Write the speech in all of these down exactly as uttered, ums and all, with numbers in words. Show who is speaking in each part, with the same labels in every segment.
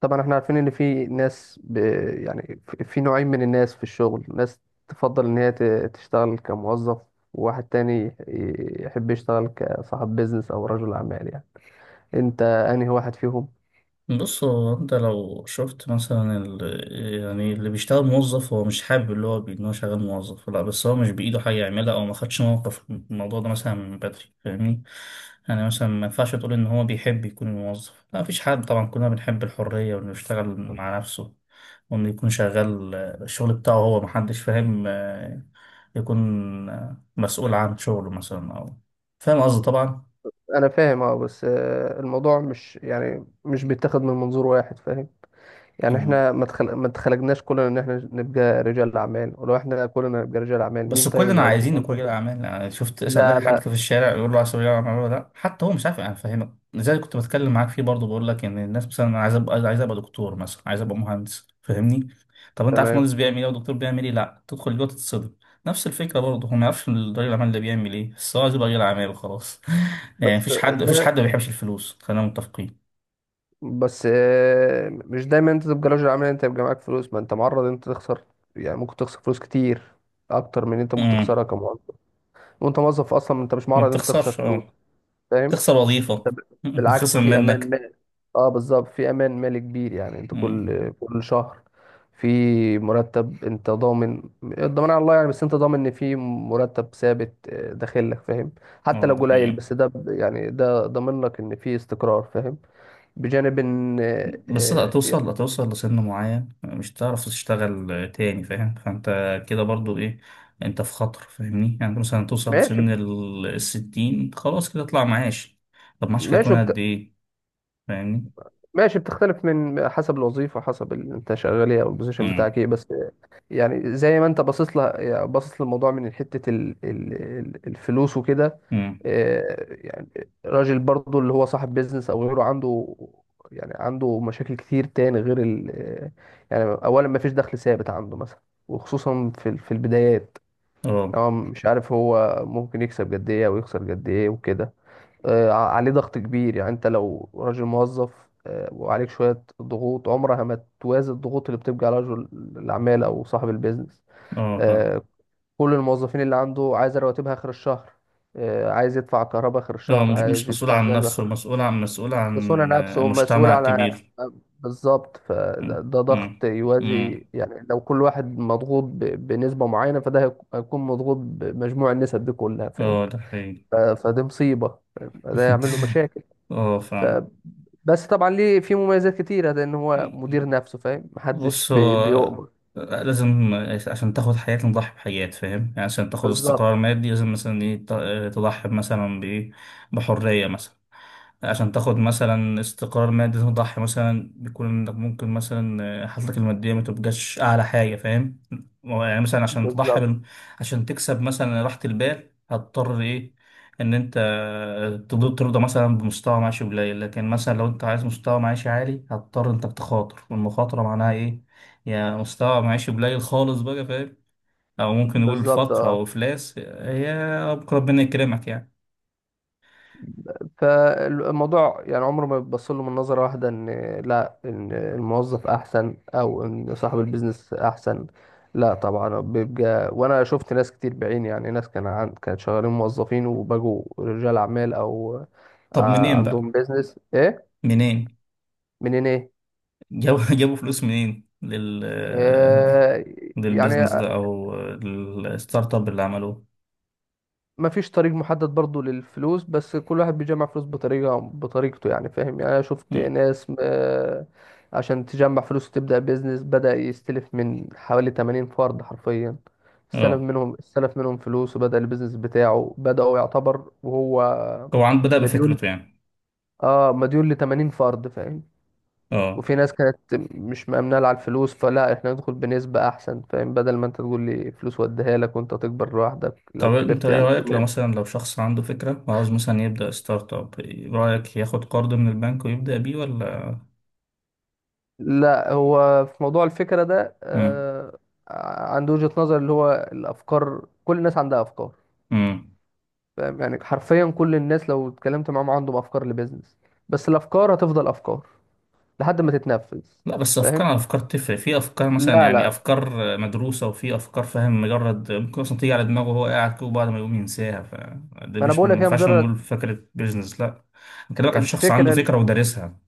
Speaker 1: طبعا احنا عارفين ان في ناس ب... يعني في في نوعين من الناس في الشغل، ناس تفضل ان هي ت- تشتغل كموظف، وواحد تاني ي- يحب يشتغل كصاحب بيزنس او رجل اعمال يعني. انت انهي واحد فيهم؟
Speaker 2: بص هو انت لو شفت مثلا ال... يعني اللي بيشتغل موظف هو مش حابب اللي هو بي- ان هو شغال موظف، لا بس هو مش بايده حاجه يعملها او ما خدش موقف في الموضوع ده مثلا من بدري، فاهمني؟ يعني مثلا ما ينفعش تقول ان هو بيحب يكون موظف، لا مفيش حد طبعا، كلنا بنحب الحريه وانه يشتغل مع نفسه وانه يكون شغال، آه، الشغل بتاعه هو محدش فاهم، آه، يكون آه، مسؤول عن شغله مثلا او فاهم قصدي طبعا.
Speaker 1: انا فاهم، اه، بس آه، الموضوع مش يعني مش بيتاخد من منظور واحد، فاهم؟ يعني احنا ما اتخل... ما اتخلقناش كلنا ان احنا نبقى رجال اعمال، ولو احنا كلنا نبقى رجال اعمال، مين
Speaker 2: بس
Speaker 1: طيب اللي
Speaker 2: كلنا
Speaker 1: هيبقوا
Speaker 2: عايزين نكون رجال
Speaker 1: موظفين؟
Speaker 2: اعمال. يعني شفت، اسال
Speaker 1: لا
Speaker 2: اي حد
Speaker 1: لا.
Speaker 2: في الشارع يقول له عايز تبقى رجل اعمال ولا لا، حتى هو مش عارف يعني. فاهمك؟ لذلك كنت بتكلم معاك فيه برضه، بقول لك ان الناس مثلا أنا عايز ابقى عايز ابقى دكتور، مثلا عايز ابقى مهندس، فاهمني؟ طب انت عارف
Speaker 1: تمام.
Speaker 2: مهندس بيعمل ايه ودكتور بيعمل ايه؟ لا، تدخل جوه تتصدم. نفس الفكره برضه، هو ما يعرفش رجل الاعمال ده بيعمل ايه، بس هو عايز يبقى رجل اعمال وخلاص. يعني
Speaker 1: بس
Speaker 2: مفيش حد مفيش
Speaker 1: ده
Speaker 2: حد ما بيحبش الفلوس، خلينا متفقين.
Speaker 1: بس آه، مش دايما انت تبقى رجل اعمال انت يبقى معاك فلوس، ما انت معرض انت تخسر. يعني ممكن تخسر فلوس كتير اكتر من اللي انت ممكن
Speaker 2: امم
Speaker 1: تخسرها كموظف. وانت موظف اصلا انت مش
Speaker 2: ما
Speaker 1: معرض انت تخسر
Speaker 2: بتخسرش،
Speaker 1: فلوس،
Speaker 2: اه
Speaker 1: فاهم؟
Speaker 2: بتخسر
Speaker 1: انت
Speaker 2: وظيفه.
Speaker 1: ب- بالعكس،
Speaker 2: بتخسر
Speaker 1: في امان
Speaker 2: منك.
Speaker 1: مالي. اه بالظبط، في امان مالي كبير. يعني انت
Speaker 2: امم
Speaker 1: كل كل شهر في مرتب، انت ضامن، الضمان على الله يعني، بس انت ضامن ان في مرتب ثابت آه، داخل لك، فاهم؟ حتى
Speaker 2: اه
Speaker 1: لو
Speaker 2: ده
Speaker 1: قليل،
Speaker 2: حقيقي.
Speaker 1: بس ده ب- يعني ده ضامن لك ان في استقرار، فاهم؟ بجانب ان
Speaker 2: بس
Speaker 1: آه،
Speaker 2: هتوصل، هتوصل لسن معين مش هتعرف تشتغل تاني، فاهم؟ فانت كده برضو ايه، انت في خطر، فاهمني؟ يعني انت مثلا توصل
Speaker 1: ماشي.
Speaker 2: لسن ال- الستين، خلاص كده اطلع معاش. طب معاشك
Speaker 1: ماشي
Speaker 2: هيكون قد
Speaker 1: بت...
Speaker 2: ايه؟ فاهمني؟
Speaker 1: ماشي بتختلف من حسب الوظيفة، حسب ال- انت شغال ايه او البوزيشن
Speaker 2: امم.
Speaker 1: بتاعك ايه. بس يعني زي ما انت باصص لها، يعني باصص للموضوع من حتة ال... ال... ال- الفلوس وكده.
Speaker 2: امم.
Speaker 1: آه، يعني راجل برضو اللي هو صاحب بيزنس او غيره، عنده يعني عنده مشاكل كتير تاني غير ال... آه، يعني اولا ما فيش دخل ثابت عنده مثلا، وخصوصا في ال- في البدايات.
Speaker 2: اه.
Speaker 1: هو مش عارف هو ممكن يكسب قد ايه او يخسر قد ايه وكده. آه، عليه ضغط كبير. يعني انت لو راجل موظف آه، وعليك شوية ضغوط، عمرها ما توازي الضغوط اللي بتبقى على رجل الأعمال أو صاحب البيزنس.
Speaker 2: اه فاهم.
Speaker 1: آه، كل الموظفين اللي عنده عايز رواتبها آخر الشهر، آه، عايز يدفع كهرباء آخر
Speaker 2: هو
Speaker 1: الشهر،
Speaker 2: مش مش
Speaker 1: عايز
Speaker 2: مسؤول
Speaker 1: يدفع
Speaker 2: عن
Speaker 1: جاز آخر
Speaker 2: نفسه،
Speaker 1: الشهر.
Speaker 2: مسؤول عن مسؤول
Speaker 1: بس هو
Speaker 2: عن آه،
Speaker 1: نفسه مسؤول
Speaker 2: مجتمع
Speaker 1: على...
Speaker 2: كبير.
Speaker 1: بالظبط.
Speaker 2: امم.
Speaker 1: فده ده
Speaker 2: امم.
Speaker 1: ضغط يوازي.
Speaker 2: امم.
Speaker 1: يعني لو كل واحد مضغوط ب- بنسبة معينة، فده هيك- هيكون مضغوط بمجموع النسب دي كلها، فاهم؟
Speaker 2: اه ده حقيقي.
Speaker 1: ف- فدي مصيبة، فده يعمل له مشاكل.
Speaker 2: اه
Speaker 1: بس طبعا ليه في مميزات كتيرة لأن هو مدير
Speaker 2: فاهم.
Speaker 1: نفسه، فاهم؟ محدش
Speaker 2: بص
Speaker 1: بي-
Speaker 2: هو
Speaker 1: بيؤمر.
Speaker 2: لازم عشان تاخد حياة نضحي بحاجات، فاهم؟ يعني عشان تاخد
Speaker 1: بالظبط،
Speaker 2: استقرار مادي لازم مثلا ايه، ت- تضحي مثلا بإيه؟ بحرية مثلا. عشان تاخد مثلا استقرار مادي تضحي مثلا بيكون إنك ممكن مثلا آه، حالتك المادية ما تبقاش أعلى حاجة، فاهم؟ يعني مثلا عشان تضحي
Speaker 1: بالظبط،
Speaker 2: بال... عشان تكسب مثلا راحة البال هتضطر إيه؟ إن أنت آه، تض- ترضى مثلا بمستوى معيشي قليل، لكن مثلا لو أنت عايز مستوى معيشي عالي هتضطر إنك تخاطر، والمخاطرة معناها إيه؟ يعني مستوى معيشي قليل خالص بقى، فاهم؟ أو ممكن نقول
Speaker 1: بالظبط،
Speaker 2: فقر
Speaker 1: اه.
Speaker 2: أو إفلاس، آه، هي ربنا يكرمك يعني.
Speaker 1: فالموضوع يعني عمره ما بيبص له من نظرة واحدة، إن لا إن الموظف أحسن أو إن صاحب البيزنس أحسن، لا. طبعا بيبقى. وأنا شفت ناس كتير بعيني، يعني ناس كان عن... كانت شغالين موظفين وبقوا رجال أعمال، أو
Speaker 2: طب
Speaker 1: آه،
Speaker 2: منين بقى؟
Speaker 1: عندهم بيزنس. إيه
Speaker 2: منين
Speaker 1: منين إيه؟
Speaker 2: جابوا؟ جابوا فلوس منين لل
Speaker 1: آه، يعني
Speaker 2: للبيزنس ده او الستارت اب اللي عملوه؟
Speaker 1: مفيش طريق محدد برضو للفلوس، بس كل واحد بيجمع فلوس بطريقة بطريقته يعني، فاهم؟ يعني أنا شفت
Speaker 2: مم.
Speaker 1: ناس آه، عشان تجمع فلوس وتبدأ بيزنس بدأ يستلف من حوالي 80 فرد حرفيا، استلف
Speaker 2: اه
Speaker 1: منهم استلف منهم فلوس وبدأ البيزنس بتاعه، بدأوا يعتبر وهو
Speaker 2: هو عن بدأ
Speaker 1: مديون.
Speaker 2: بفكرته يعني.
Speaker 1: اه مديون ل 80 فرد، فاهم؟
Speaker 2: اه
Speaker 1: وفي ناس كانت مش مأمنة على الفلوس، فلا احنا ندخل بنسبة أحسن، فاهم؟ بدل ما انت تقول لي فلوس، وديها لك وانت تكبر لوحدك لو
Speaker 2: طب انت
Speaker 1: كبرت
Speaker 2: ايه
Speaker 1: يعني.
Speaker 2: رأيك لو مثلا لو شخص عنده فكرة وعاوز مثلا يبدأ ستارت اب، إيه رأيك ياخد قرض من البنك ويبدأ بيه ولا؟
Speaker 1: لا هو في موضوع الفكرة ده
Speaker 2: مم.
Speaker 1: آه، عنده وجهة نظر، اللي هو الأفكار، كل الناس عندها أفكار،
Speaker 2: مم.
Speaker 1: فاهم؟ يعني حرفيا كل الناس لو اتكلمت معاهم عندهم أفكار لبيزنس، بس الأفكار هتفضل أفكار لحد ما تتنفذ،
Speaker 2: لا بس افكار
Speaker 1: فاهم؟
Speaker 2: على افكار تفرق، في افكار مثلا
Speaker 1: لا
Speaker 2: يعني
Speaker 1: لا،
Speaker 2: افكار مدروسه، وفي افكار فاهم مجرد ممكن اصلا تيجي على دماغه وهو قاعد كده وبعد ما يقوم ينساها، فده
Speaker 1: ما أنا
Speaker 2: مش،
Speaker 1: بقول
Speaker 2: ما
Speaker 1: لك هي
Speaker 2: ينفعش
Speaker 1: مجرد
Speaker 2: نقول فكره بيزنس. لا انا بكلمك عن شخص عنده
Speaker 1: الفكرة ال-
Speaker 2: فكره ودارسها.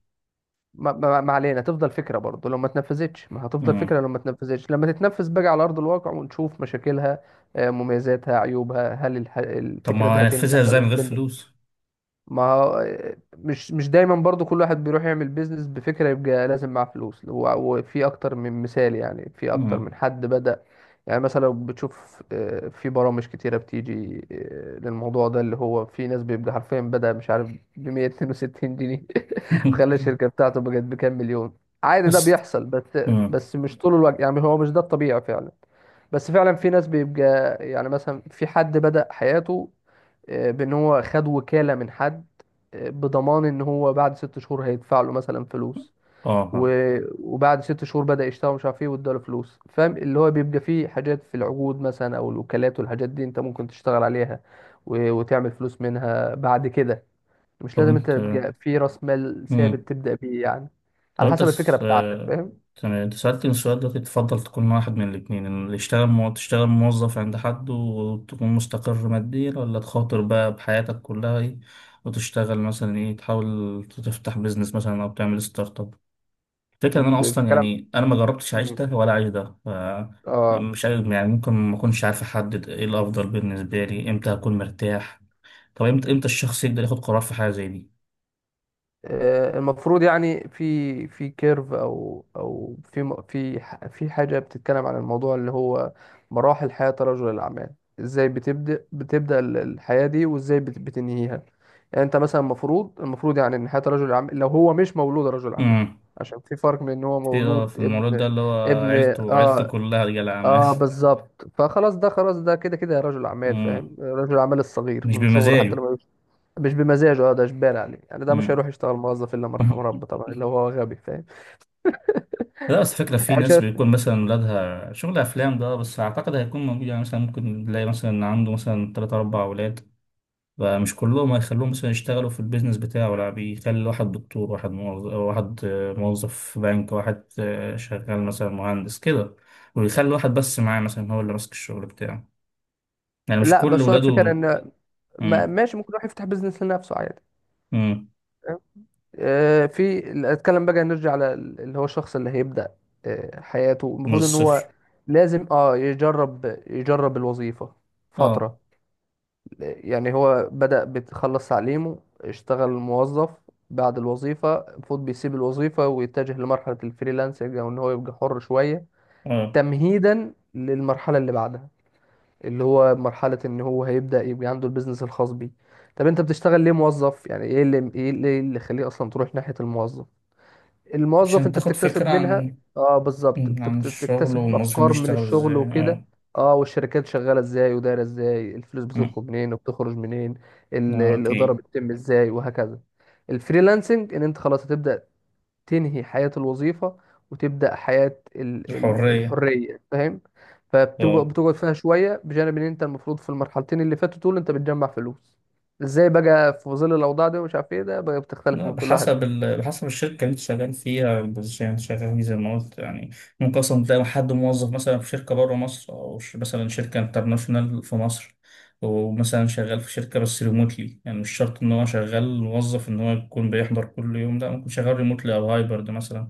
Speaker 1: ما ما- ما علينا. تفضل فكرة برضه لو ما اتنفذتش، ما هتفضل
Speaker 2: امم.
Speaker 1: فكرة لو ما اتنفذتش. لما تتنفذ بقى على أرض الواقع ونشوف مشاكلها، آه، مميزاتها، عيوبها، هل الح-
Speaker 2: طب
Speaker 1: الفكرة
Speaker 2: ما
Speaker 1: دي
Speaker 2: هينفذها
Speaker 1: هتنجح ولا
Speaker 2: ازاي من
Speaker 1: مش
Speaker 2: غير
Speaker 1: هتنجح.
Speaker 2: فلوس؟
Speaker 1: ما هو- مش مش دايما برضو كل واحد بيروح يعمل بيزنس بفكرة يبقى لازم معاه فلوس و- وفي اكتر من مثال. يعني في اكتر
Speaker 2: امم.
Speaker 1: من حد بدأ يعني مثلا. لو بتشوف آه، في برامج كتيرة بتيجي آه، للموضوع ده، اللي هو في ناس بيبقى حرفيا بدأ مش عارف ب مية واتنين وستين جنيه خلى الشركة بتاعته بقت بكام مليون، عادي، ده
Speaker 2: بس.
Speaker 1: بيحصل. بس
Speaker 2: امم.
Speaker 1: بس مش طول الوقت يعني، هو مش ده الطبيعي فعلا. بس فعلا في ناس بيبقى يعني مثلا في حد بدأ حياته آه، بان هو خد وكالة من حد، آه، بضمان ان هو بعد ست شهور هيدفع له مثلا فلوس.
Speaker 2: اه
Speaker 1: و...
Speaker 2: فاهم.
Speaker 1: وبعد ست شهور بدأ يشتغل مش عارف ايه، واداله فلوس، فاهم؟ اللي هو بيبقى فيه حاجات في العقود مثلا او الوكالات والحاجات دي، انت ممكن تشتغل عليها و... وتعمل فلوس منها بعد كده. مش
Speaker 2: طب
Speaker 1: لازم انت
Speaker 2: انت،
Speaker 1: تبقى في راس مال
Speaker 2: امم.
Speaker 1: ثابت تبدأ بيه يعني.
Speaker 2: لو
Speaker 1: على
Speaker 2: انت
Speaker 1: حسب الفكرة
Speaker 2: س...
Speaker 1: بتاعتك،
Speaker 2: آه،
Speaker 1: فاهم؟
Speaker 2: كان انت سألتني السؤال ده، تفضل تكون واحد من الاتنين، ان اللي يشتغل مو... تشتغل موظف عند حد وتكون مستقر ماديا، ولا تخاطر بقى بحياتك كلها ايه وتشتغل مثلا ايه، تحاول تفتح بيزنس مثلا او تعمل ستارت اب؟ الفكرة ان انا اصلا
Speaker 1: بتتكلم،
Speaker 2: يعني انا ما جربتش اعيش ده ولا اعيش ده، ف
Speaker 1: اه.
Speaker 2: مش عارف يعني. ممكن ما اكونش عارف احدد ايه الافضل بالنسبة لي، امتى هكون مرتاح. طب امتى، امتى الشخص يقدر ياخد قرار في حاجة زي دي؟
Speaker 1: آه، المفروض يعني في في كيرف او او في م- في ح- في حاجه بتتكلم عن الموضوع، اللي هو مراحل حياه رجل الاعمال، ازاي بتبدا بتبدا ال- الحياه دي، وازاي بت- بتنهيها. يعني انت مثلا المفروض، المفروض يعني ان حياه رجل الاعمال لو هو مش مولود رجل اعمال،
Speaker 2: امم.
Speaker 1: عشان في فرق بين ان هو
Speaker 2: في، اه في
Speaker 1: مولود
Speaker 2: المولود
Speaker 1: ابن.
Speaker 2: ده اللي هو
Speaker 1: ابن،
Speaker 2: عيلته عيلته
Speaker 1: اه،
Speaker 2: كلها رجال أعمال.
Speaker 1: اه بالظبط. فخلاص ده، خلاص ده كده كده رجل اعمال، فاهم؟
Speaker 2: مم.
Speaker 1: رجل اعمال الصغير
Speaker 2: مش
Speaker 1: من صغره حتى
Speaker 2: بمزاجه.
Speaker 1: لما... مش بمزاجه، اه. ده اجباري عليه يعني، ده مش
Speaker 2: مم.
Speaker 1: هيروح يشتغل موظف الا من رحم ربه طبعا، اللي هو غبي، فاهم؟
Speaker 2: لا بس فكرة، في
Speaker 1: يعني مش
Speaker 2: ناس
Speaker 1: عارف-
Speaker 2: بيكون مثلا ولادها شغل أفلام، ده بس أعتقد هيكون موجود يعني. مثلا ممكن تلاقي مثلا عنده مثلا تلات أربع أولاد، فمش كلهم هيخلوهم مثلا يشتغلوا في البيزنس بتاعه، لا بيخلي واحد دكتور، واحد موظف، واحد آه، موظف في بنك، واحد آه، شغال مثلا مهندس كده، ويخلي واحد بس معاه مثلا هو اللي ماسك الشغل بتاعه. يعني مش
Speaker 1: لا
Speaker 2: كل
Speaker 1: بس هو
Speaker 2: ولاده.
Speaker 1: الفكره ان ما-
Speaker 2: مم.
Speaker 1: ماشي، ممكن يروح يفتح بيزنس لنفسه عادي،
Speaker 2: مم.
Speaker 1: فاهم؟ آه، في... اتكلم بقى. نرجع على ال- اللي هو الشخص اللي هيبدأ آه، حياته،
Speaker 2: من
Speaker 1: المفروض ان هو
Speaker 2: الصفر.
Speaker 1: لازم، اه، يجرب يجرب الوظيفة
Speaker 2: اه.
Speaker 1: فترة. يعني هو بدأ، بتخلص تعليمه اشتغل موظف. بعد الوظيفة المفروض بيسيب الوظيفة ويتجه لمرحلة الفريلانسنج، او ان هو يبقى حر شوية،
Speaker 2: اه
Speaker 1: تمهيدا للمرحلة اللي بعدها، اللي هو مرحلة ان هو هيبدأ يبقى عنده البيزنس الخاص بيه. طب انت بتشتغل ليه موظف؟ يعني ايه اللي ايه اللي إيه اللي يخليه اصلا تروح ناحية الموظف؟ الموظف
Speaker 2: عشان
Speaker 1: انت
Speaker 2: تاخد فكرة
Speaker 1: بتكتسب منها.
Speaker 2: عن
Speaker 1: اه بالظبط، انت
Speaker 2: عن
Speaker 1: بت-
Speaker 2: الشغل
Speaker 1: بتكتسب
Speaker 2: والموظفين
Speaker 1: افكار من
Speaker 2: بيشتغلوا
Speaker 1: الشغل
Speaker 2: ازاي،
Speaker 1: وكده.
Speaker 2: اه.
Speaker 1: اه، والشركات شغالة ازاي ودايرة ازاي، الفلوس
Speaker 2: مم.
Speaker 1: بتدخل منين وبتخرج منين، ال-
Speaker 2: اه
Speaker 1: الإدارة
Speaker 2: اكيد.
Speaker 1: بتتم ازاي، وهكذا. الفريلانسنج ان انت خلاص هتبدأ تنهي حياة الوظيفة، وتبدأ حياة ال- ال-
Speaker 2: الحرية.
Speaker 1: الحرية، فاهم؟
Speaker 2: اه
Speaker 1: فبتقعد، بتقعد فيها شوية. بجانب ان انت المفروض في المرحلتين اللي فاتوا دول انت بتجمع فلوس. ازاي بقى في ظل الاوضاع دي ومش عارف ايه، ده بقى بتختلف
Speaker 2: لا
Speaker 1: من كل واحد،
Speaker 2: بحسب ال... بحسب الشركة اللي انت شغال فيها، البوزيشن اللي انت شغال فيه، زي ما قلت يعني. ممكن اصلا تلاقي حد موظف مثلا في شركة بره مصر، او ش- مثلا شركة انترناشونال في مصر، ومثلا شغال في شركة بس ريموتلي. يعني مش شرط ان هو شغال موظف ان هو يكون بيحضر كل يوم، لا ممكن شغال ريموتلي او هايبرد مثلا.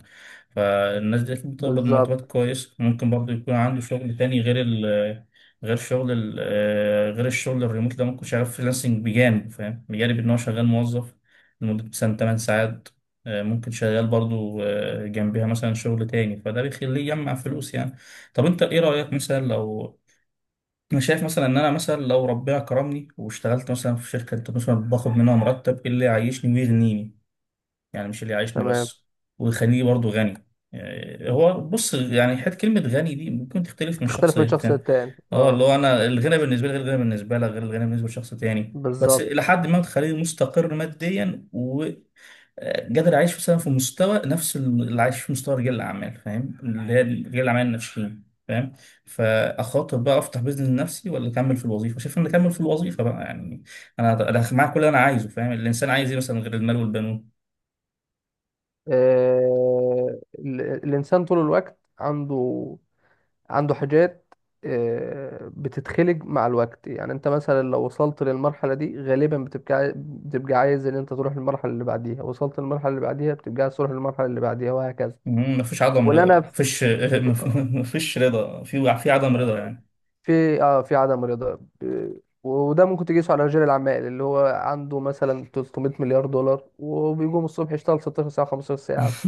Speaker 2: فالناس دي أكيد بتقبض مرتبات
Speaker 1: بالظبط.
Speaker 2: كويس. ممكن برضه يكون عنده شغل تاني غير ال غير شغل ال آه، غير الشغل الريموت ده، ممكن شغال فريلانسنج بجانب، فاهم؟ بجانب إن هو شغال موظف لمدة مثلا ثماني ساعات، آه، ممكن شغال برضه آه، جنبها مثلا شغل تاني، فده بيخليه يجمع فلوس يعني. طب أنت إيه رأيك مثلا لو، أنا شايف مثلا إن أنا مثلا لو ربنا كرمني واشتغلت مثلا في شركة، أنت مثلا باخد منها مرتب إيه اللي يعيشني ويغنيني. يعني مش اللي يعيشني
Speaker 1: تمام.
Speaker 2: بس، ويخليني برضو غني. يعني هو بص يعني حته كلمه غني دي ممكن تختلف من شخص
Speaker 1: بتختلف من شخص
Speaker 2: للتاني.
Speaker 1: للتاني،
Speaker 2: اه اللي
Speaker 1: اه،
Speaker 2: هو انا الغنى بالنسبه لي غير الغنى بالنسبه لك غير الغنى بالنسبه لشخص تاني، بس الى
Speaker 1: بالظبط.
Speaker 2: حد ما تخليني مستقر ماديا وقادر اعيش مثلا في مستوى، نفس اللي عايش في مستوى رجال الاعمال، فاهم؟ اللي هي رجال الاعمال الناشئين، فاهم؟ فاخاطر بقى افتح بيزنس لنفسي ولا اكمل في الوظيفه؟ شايف ان اكمل في الوظيفه بقى يعني. انا انا معاك، كل اللي انا عايزه فاهم، الانسان عايز ايه مثلا غير المال والبنون.
Speaker 1: آه، ال- الإنسان طول الوقت عنده، عنده حاجات آه، بتتخلق مع الوقت. يعني انت مثلا لو وصلت للمرحلة دي، غالبا بتبقى عاي- بتبقى عايز ان انت تروح للمرحلة اللي بعديها. وصلت للمرحلة اللي بعديها بتبقى عايز تروح للمرحلة اللي بعديها، وهكذا.
Speaker 2: مم، مفيش عدم
Speaker 1: ولا
Speaker 2: رضا،
Speaker 1: انا
Speaker 2: يعني
Speaker 1: في...
Speaker 2: مفيش، مفيش رضا، في في عدم رضا يعني.
Speaker 1: في- اه، في عدم رضا. ب- وده ممكن تقيسه على رجال الاعمال، اللي هو عنده مثلا ثلاث مائة مليار دولار، وبيقوم الصبح يشتغل 16 ساعة، 15 ساعة.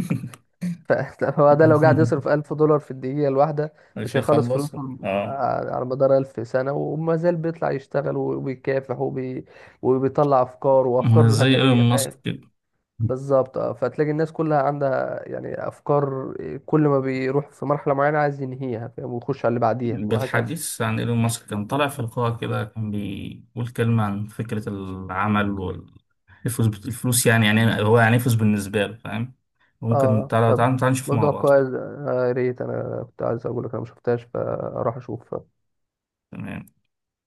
Speaker 1: ف- فهو ده لو قاعد يصرف ألف دولار في الدقيقة الواحدة
Speaker 2: مش
Speaker 1: مش هيخلص
Speaker 2: هيخلصوا،
Speaker 1: فلوسه
Speaker 2: اه.
Speaker 1: على على مدار 1000 سنة، وما زال بيطلع يشتغل وبيكافح وبي... وبيطلع أفكار وأفكار
Speaker 2: زي
Speaker 1: جهنمية،
Speaker 2: ايلون ماسك
Speaker 1: فاهم؟
Speaker 2: كده.
Speaker 1: بالظبط اه. فتلاقي الناس كلها عندها يعني أفكار، آه، كل ما بيروح في مرحلة معينة عايز ينهيها، فاهم؟ ويخش على اللي بعديها وهكذا.
Speaker 2: بالحديث عن ايلون ماسك، كان طالع في لقاء كده كان بيقول كلمة عن فكرة العمل والفلوس. الفلوس يعني، يعني هو يعني إيه فلوس بالنسبة له، فاهم؟ ممكن
Speaker 1: اه
Speaker 2: تعالى
Speaker 1: طب،
Speaker 2: تعالى تعالى نشوف مع
Speaker 1: موضوع
Speaker 2: بعض.
Speaker 1: كويس. آه، يا ريت، أنا كنت عايز أقول لك أنا مشفتهاش، فأروح أشوف.
Speaker 2: تمام.